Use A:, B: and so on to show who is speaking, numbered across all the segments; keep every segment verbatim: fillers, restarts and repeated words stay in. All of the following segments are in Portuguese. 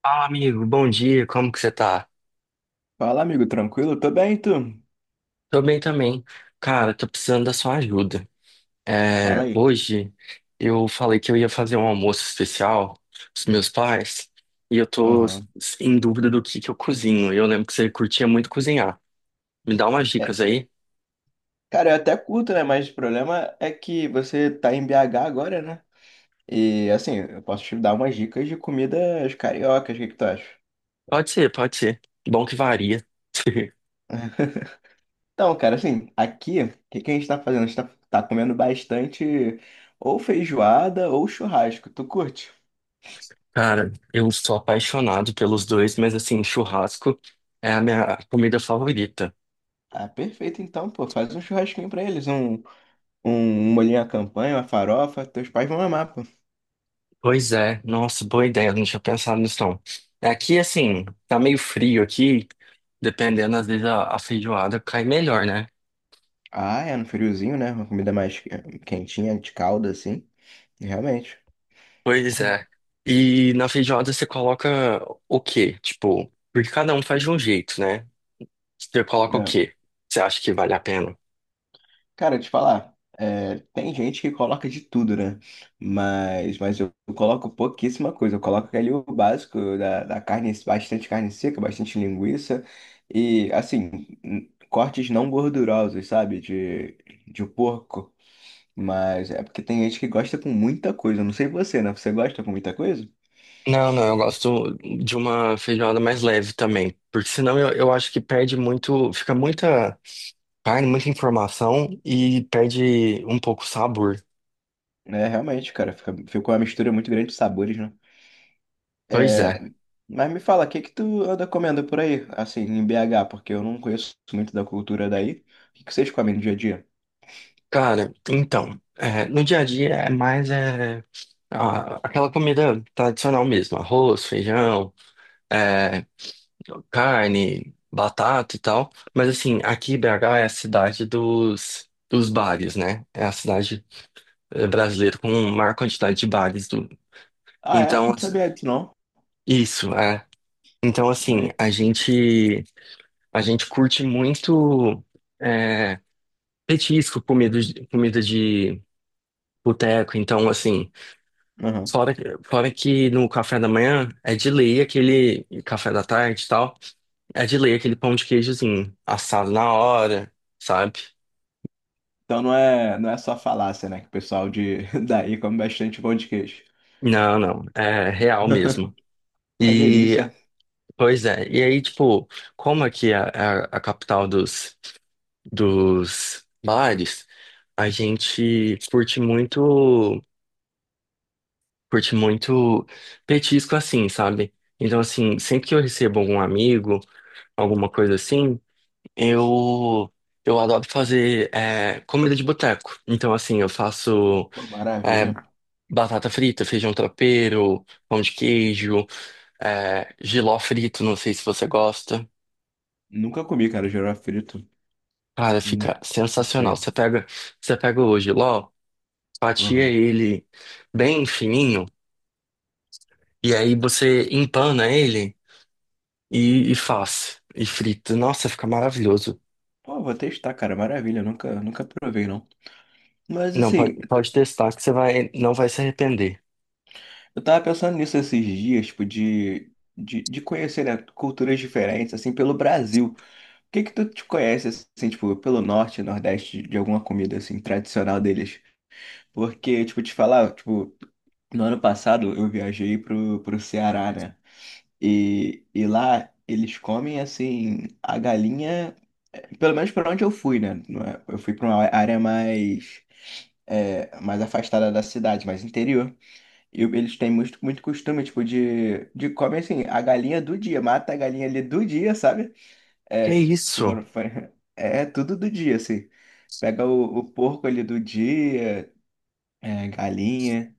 A: Fala, amigo, bom dia, como que você tá?
B: Fala, amigo, tranquilo? Tô bem, e tu?
A: Tô bem também. Cara, tô precisando da sua ajuda. É,
B: Fala aí.
A: hoje eu falei que eu ia fazer um almoço especial pros meus pais e eu tô
B: Aham.
A: em dúvida do que que eu cozinho. Eu lembro que você curtia muito cozinhar. Me dá umas
B: É,
A: dicas aí?
B: cara, eu até curto, né? Mas o problema é que você tá em B H agora, né? E assim, eu posso te dar umas dicas de comidas cariocas, o que que tu acha?
A: Pode ser, pode ser. Bom que varia.
B: Então, cara, assim, aqui, o que que a gente tá fazendo? A gente tá, tá comendo bastante ou feijoada ou churrasco. Tu curte?
A: Cara, eu sou apaixonado pelos dois, mas assim, churrasco é a minha comida favorita.
B: Ah, perfeito então, pô. Faz um churrasquinho pra eles, um, um molhinho à campanha, uma farofa. Teus pais vão amar, pô.
A: Pois é, nossa, boa ideia, eu não tinha pensado nisso não. Aqui, assim, tá meio frio aqui, dependendo, às vezes a, a feijoada cai melhor, né?
B: Ah, é, no friozinho, né? Uma comida mais eh, quentinha, de calda, assim. Realmente,
A: Pois é. E na feijoada você coloca o quê? Tipo, porque cada um faz de um jeito, né? Você coloca o
B: né?
A: quê? Você acha que vale a pena?
B: Cara, te falar, é, tem gente que coloca de tudo, né? Mas, mas eu coloco pouquíssima coisa. Eu coloco ali o básico da, da carne, bastante carne seca, bastante linguiça e, assim, n- cortes não gordurosos, sabe? De, de porco. Mas é porque tem gente que gosta com muita coisa. Eu não sei você, né? Você gosta com muita coisa?
A: Não, não, eu gosto de uma feijoada mais leve também, porque senão eu, eu acho que perde muito, fica muita carne, muita informação e perde um pouco o sabor.
B: É, realmente, cara, fica, fica uma mistura muito grande de sabores, né?
A: Pois é.
B: Mas me fala, o que que tu anda comendo por aí, assim, em B H, porque eu não conheço muito da cultura daí. O que que vocês comem no dia a dia?
A: Cara, então, é, no dia a dia é mais é, a- aquela comida tradicional mesmo, arroz, feijão, é, carne, batata e tal. Mas assim, aqui B H é a cidade dos, dos bares, né? É a cidade, é, brasileira com a maior quantidade de bares do.
B: Ah, é?
A: Então,
B: Não sabia
A: as-
B: disso, não.
A: isso, é. Então, assim,
B: Maneiro.
A: a gente, a gente curte muito. é, Petisco, comida de, comida de boteco. Então, assim,
B: Aham.
A: fora, fora que no café da manhã é de lei aquele café da tarde e tal, é de lei aquele pão de queijozinho assado na hora, sabe?
B: Então não é, não é só falácia, né? Que o pessoal de daí come bastante pão de queijo.
A: Não, não, é real mesmo.
B: Uma
A: E,
B: delícia.
A: pois é, e aí, tipo, como aqui é a, a capital dos, dos bares, a gente curte muito, curte muito petisco assim, sabe? Então, assim, sempre que eu recebo algum amigo, alguma coisa assim, eu eu adoro fazer, é, comida de boteco. Então, assim, eu faço,
B: Pô,
A: é,
B: maravilha.
A: batata frita, feijão tropeiro, pão de queijo, é, jiló frito, não sei se você gosta.
B: Nunca comi, cara, girafa frito.
A: Cara,
B: Hum,
A: fica
B: não
A: sensacional.
B: sei.
A: Você pega, você pega o jiló, fatia
B: Aham.
A: ele bem fininho, e aí você empana ele. E, e faz. E frita. Nossa, fica maravilhoso.
B: Pô, vou testar, cara. Maravilha. Nunca, nunca provei, não. Mas
A: Não, pode,
B: assim,
A: pode testar que você vai, não vai se arrepender.
B: eu tava pensando nisso esses dias, tipo, de, de, de conhecer, né, culturas diferentes, assim, pelo Brasil. O que que tu te conhece, assim, tipo, pelo norte, nordeste, de alguma comida, assim, tradicional deles? Porque, tipo, te falar, tipo, no ano passado eu viajei pro, pro Ceará, né? E, e lá eles comem, assim, a galinha, eh, pelo menos pra onde eu fui, né? Não é- Eu fui pra uma área mais, é, mais afastada da cidade, mais interior. E eles têm muito, muito costume, tipo, de, de comer, assim, a galinha do dia. Mata a galinha ali do dia, sabe? É,
A: Que
B: se, se
A: isso?
B: for, é tudo do dia, assim. Pega o, o porco ali do dia, é, galinha.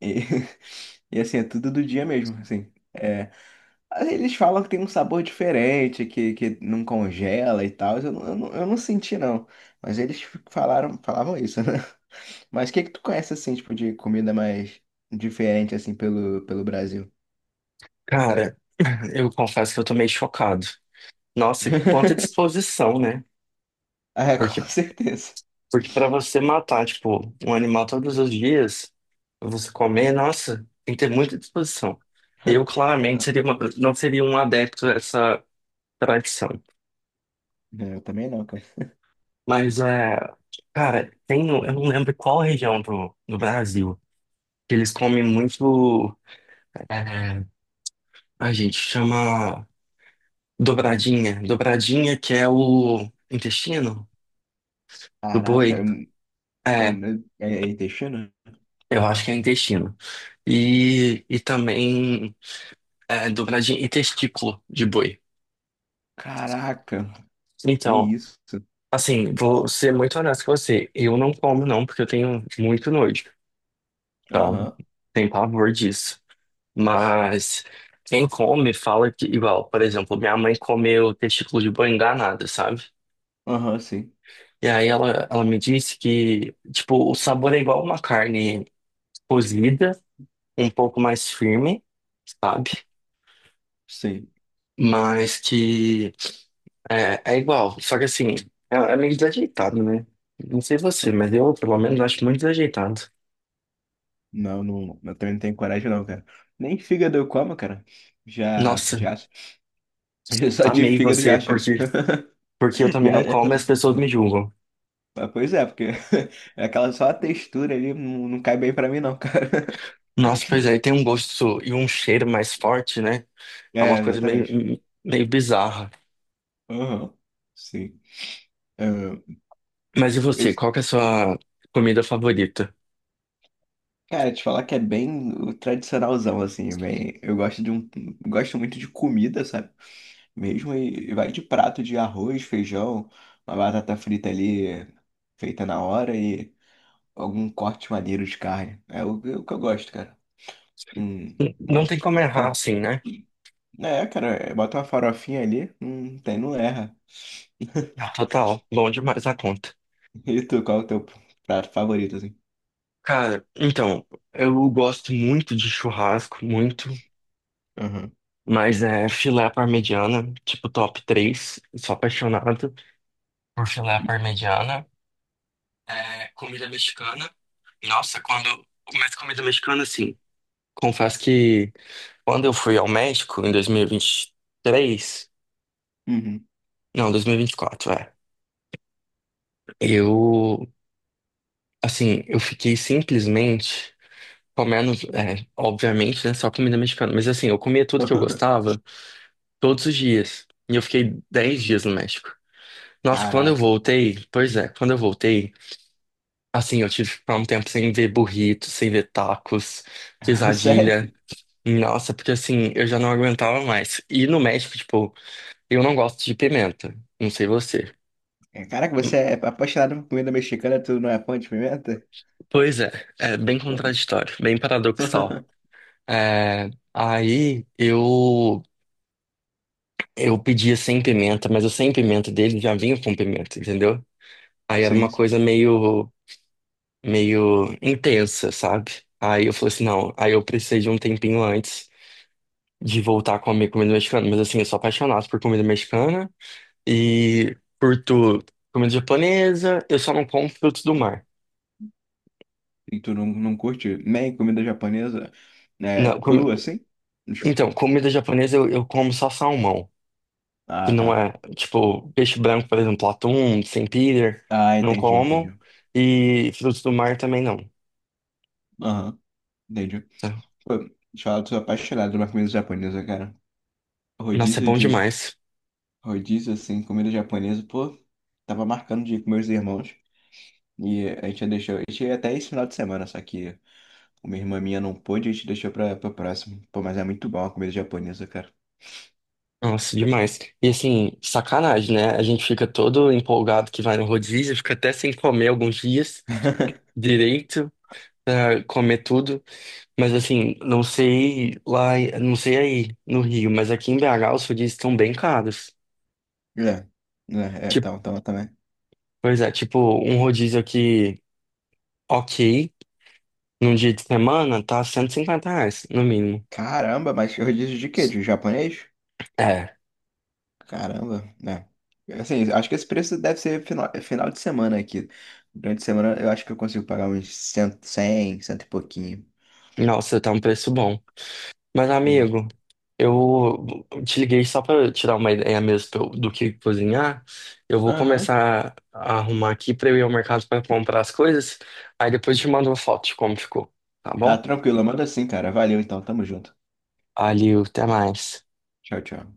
B: E, e, assim, é tudo do dia mesmo, assim. É, aí eles falam que tem um sabor diferente, que, que não congela e tal. Eu, não- eu, não- eu não senti, não. Mas eles falaram, falavam isso, né? Mas o que que tu conhece, assim, tipo, de comida mais diferente, assim, pelo, pelo Brasil?
A: Cara, eu confesso que eu tô meio chocado. Nossa, e quanta disposição, né?
B: É, com
A: Porque,
B: certeza.
A: porque para você matar, tipo, um animal todos os dias, você comer, nossa, tem que ter muita disposição. Eu, claramente, seria uma- não seria um adepto a essa tradição.
B: Eu também não, cara.
A: Mas, é, cara, tem, no- eu não lembro qual região do, do Brasil que eles comem muito. É, a gente chama dobradinha. Dobradinha que é o intestino do
B: Caraca,
A: boi.
B: eu,
A: É,
B: eu, é, é intestino?
A: eu acho que é intestino. E, e também, é, dobradinha e testículo de boi.
B: Caraca, que
A: Então,
B: isso?
A: assim, vou ser muito honesto com você. Eu não como não, porque eu tenho muito nojo, sabe?
B: Aham,
A: Tem pavor disso. Mas quem come fala que, igual, por exemplo, minha mãe comeu testículo de boi enganada, sabe?
B: aham, sim,
A: E aí ela, ela me disse que, tipo, o sabor é igual uma carne cozida, um pouco mais firme, sabe?
B: sim.
A: Mas que é, é igual. Só que assim, é, é meio desajeitado, né? Não sei você, mas eu, pelo menos, acho muito desajeitado.
B: Não, não, eu também não tenho coragem não, cara. Nem fígado eu como, cara. Já,
A: Nossa,
B: já, só de
A: amei
B: fígado já
A: você,
B: acho.
A: porque, porque eu também
B: Já,
A: não
B: é,
A: como e as pessoas me
B: não.
A: julgam.
B: Mas, pois é, porque é aquela só a textura ali não, não cai bem pra mim não, cara.
A: Nossa, pois aí tem um gosto e um cheiro mais forte, né? É uma
B: É,
A: coisa
B: exatamente.
A: meio, meio bizarra.
B: Aham, sim.
A: Mas e você, qual que é a sua comida favorita?
B: Cara, te falar que é bem o tradicionalzão, assim, bem... Eu gosto de um... Gosto muito de comida, sabe? Mesmo e e vai de prato de arroz, feijão, uma batata frita ali, feita na hora e algum corte maneiro de carne. É o, é o que eu gosto, cara. Hum,
A: Não tem
B: mal...
A: como errar assim, né?
B: É, cara, é, bota uma farofinha ali, não tem, não erra.
A: Ah, total, bom demais a conta.
B: E tu, qual é o teu prato favorito, assim?
A: Cara, então, eu gosto muito de churrasco, muito,
B: Aham.
A: mas é filé à parmegiana, tipo top três. Sou apaixonado por filé à parmegiana. É, comida mexicana. Nossa, quando. Mas comida mexicana, assim. Confesso que quando eu fui ao México em dois mil e vinte e três
B: Uhum.
A: Não, dois mil e vinte e quatro, é. Eu. Assim, eu fiquei simplesmente comendo. É, obviamente, né? Só comida mexicana. Mas assim, eu comia tudo que eu gostava todos os dias. E eu fiquei dez dias no México. Nossa, quando eu
B: Caraca.
A: voltei. Pois é, quando eu voltei. Assim, eu tive que ficar um tempo sem ver burritos, sem ver tacos, quesadilha.
B: Sério?
A: Nossa, porque assim, eu já não aguentava mais. E no México, tipo, eu não gosto de pimenta. Não sei você.
B: É, caraca, você é apaixonado por comida mexicana, tu não é fã de pimenta?
A: Pois é, é bem contraditório, bem paradoxal. É, aí eu eu pedia sem pimenta, mas o sem pimenta dele já vinha com pimenta, entendeu? Aí era uma
B: Sim, sim.
A: coisa meio, meio intensa, sabe? Aí eu falei assim, não, aí eu precisei de um tempinho antes de voltar a comer comida mexicana, mas assim, eu sou apaixonado por comida mexicana. E curto comida japonesa, eu só não como frutos do mar.
B: E tu não, não curte nem comida japonesa, né,
A: Não,
B: crua
A: comi-
B: assim?
A: Então, comida japonesa eu, eu como só salmão, que
B: Ah, tá.
A: não é, tipo, peixe branco, por exemplo, atum, sempiter,
B: Ah,
A: não
B: entendi, entendi.
A: como. E frutos do mar também não.
B: Aham, entendi.
A: Tá?
B: Pô, deixa eu falar, eu sou apaixonado por uma comida japonesa, cara.
A: Nossa, é
B: Rodízio
A: bom
B: de.
A: demais.
B: Rodízio, assim, comida japonesa, pô. Tava marcando de ir com meus irmãos. E a gente deixou. A gente ia até esse final de semana, só que uma irmã minha não pôde, a gente deixou pra, pra próximo. Pô, mas é muito bom a comida japonesa, cara.
A: Nossa, demais. E assim, sacanagem, né? A gente fica todo empolgado que vai no rodízio, fica até sem comer alguns dias direito pra comer tudo. Mas assim, não sei lá, não sei aí no Rio, mas aqui em B H os rodízios estão bem caros.
B: É, é, é,
A: Tipo,
B: tava, tava também.
A: pois é, tipo, um rodízio aqui, ok, num dia de semana, tá cento e cinquenta reais, no mínimo.
B: Caramba, mas rodízio de quê? De japonês?
A: É,
B: Caramba, né? Assim, acho que esse preço deve ser final, é final de semana aqui. Durante a semana eu acho que eu consigo pagar uns cem, cem, cento e pouquinho.
A: nossa, tá um preço bom. Mas,
B: Uhum.
A: amigo, eu te liguei só pra tirar uma ideia mesmo pra eu- do que cozinhar. Eu vou
B: Aham.
A: começar a arrumar aqui pra eu ir ao mercado pra comprar as coisas. Aí depois eu te mando uma foto de como ficou, tá
B: Tá
A: bom?
B: tranquilo, manda assim, cara. Valeu então, tamo junto.
A: Valeu, até mais.
B: Tchau, tchau.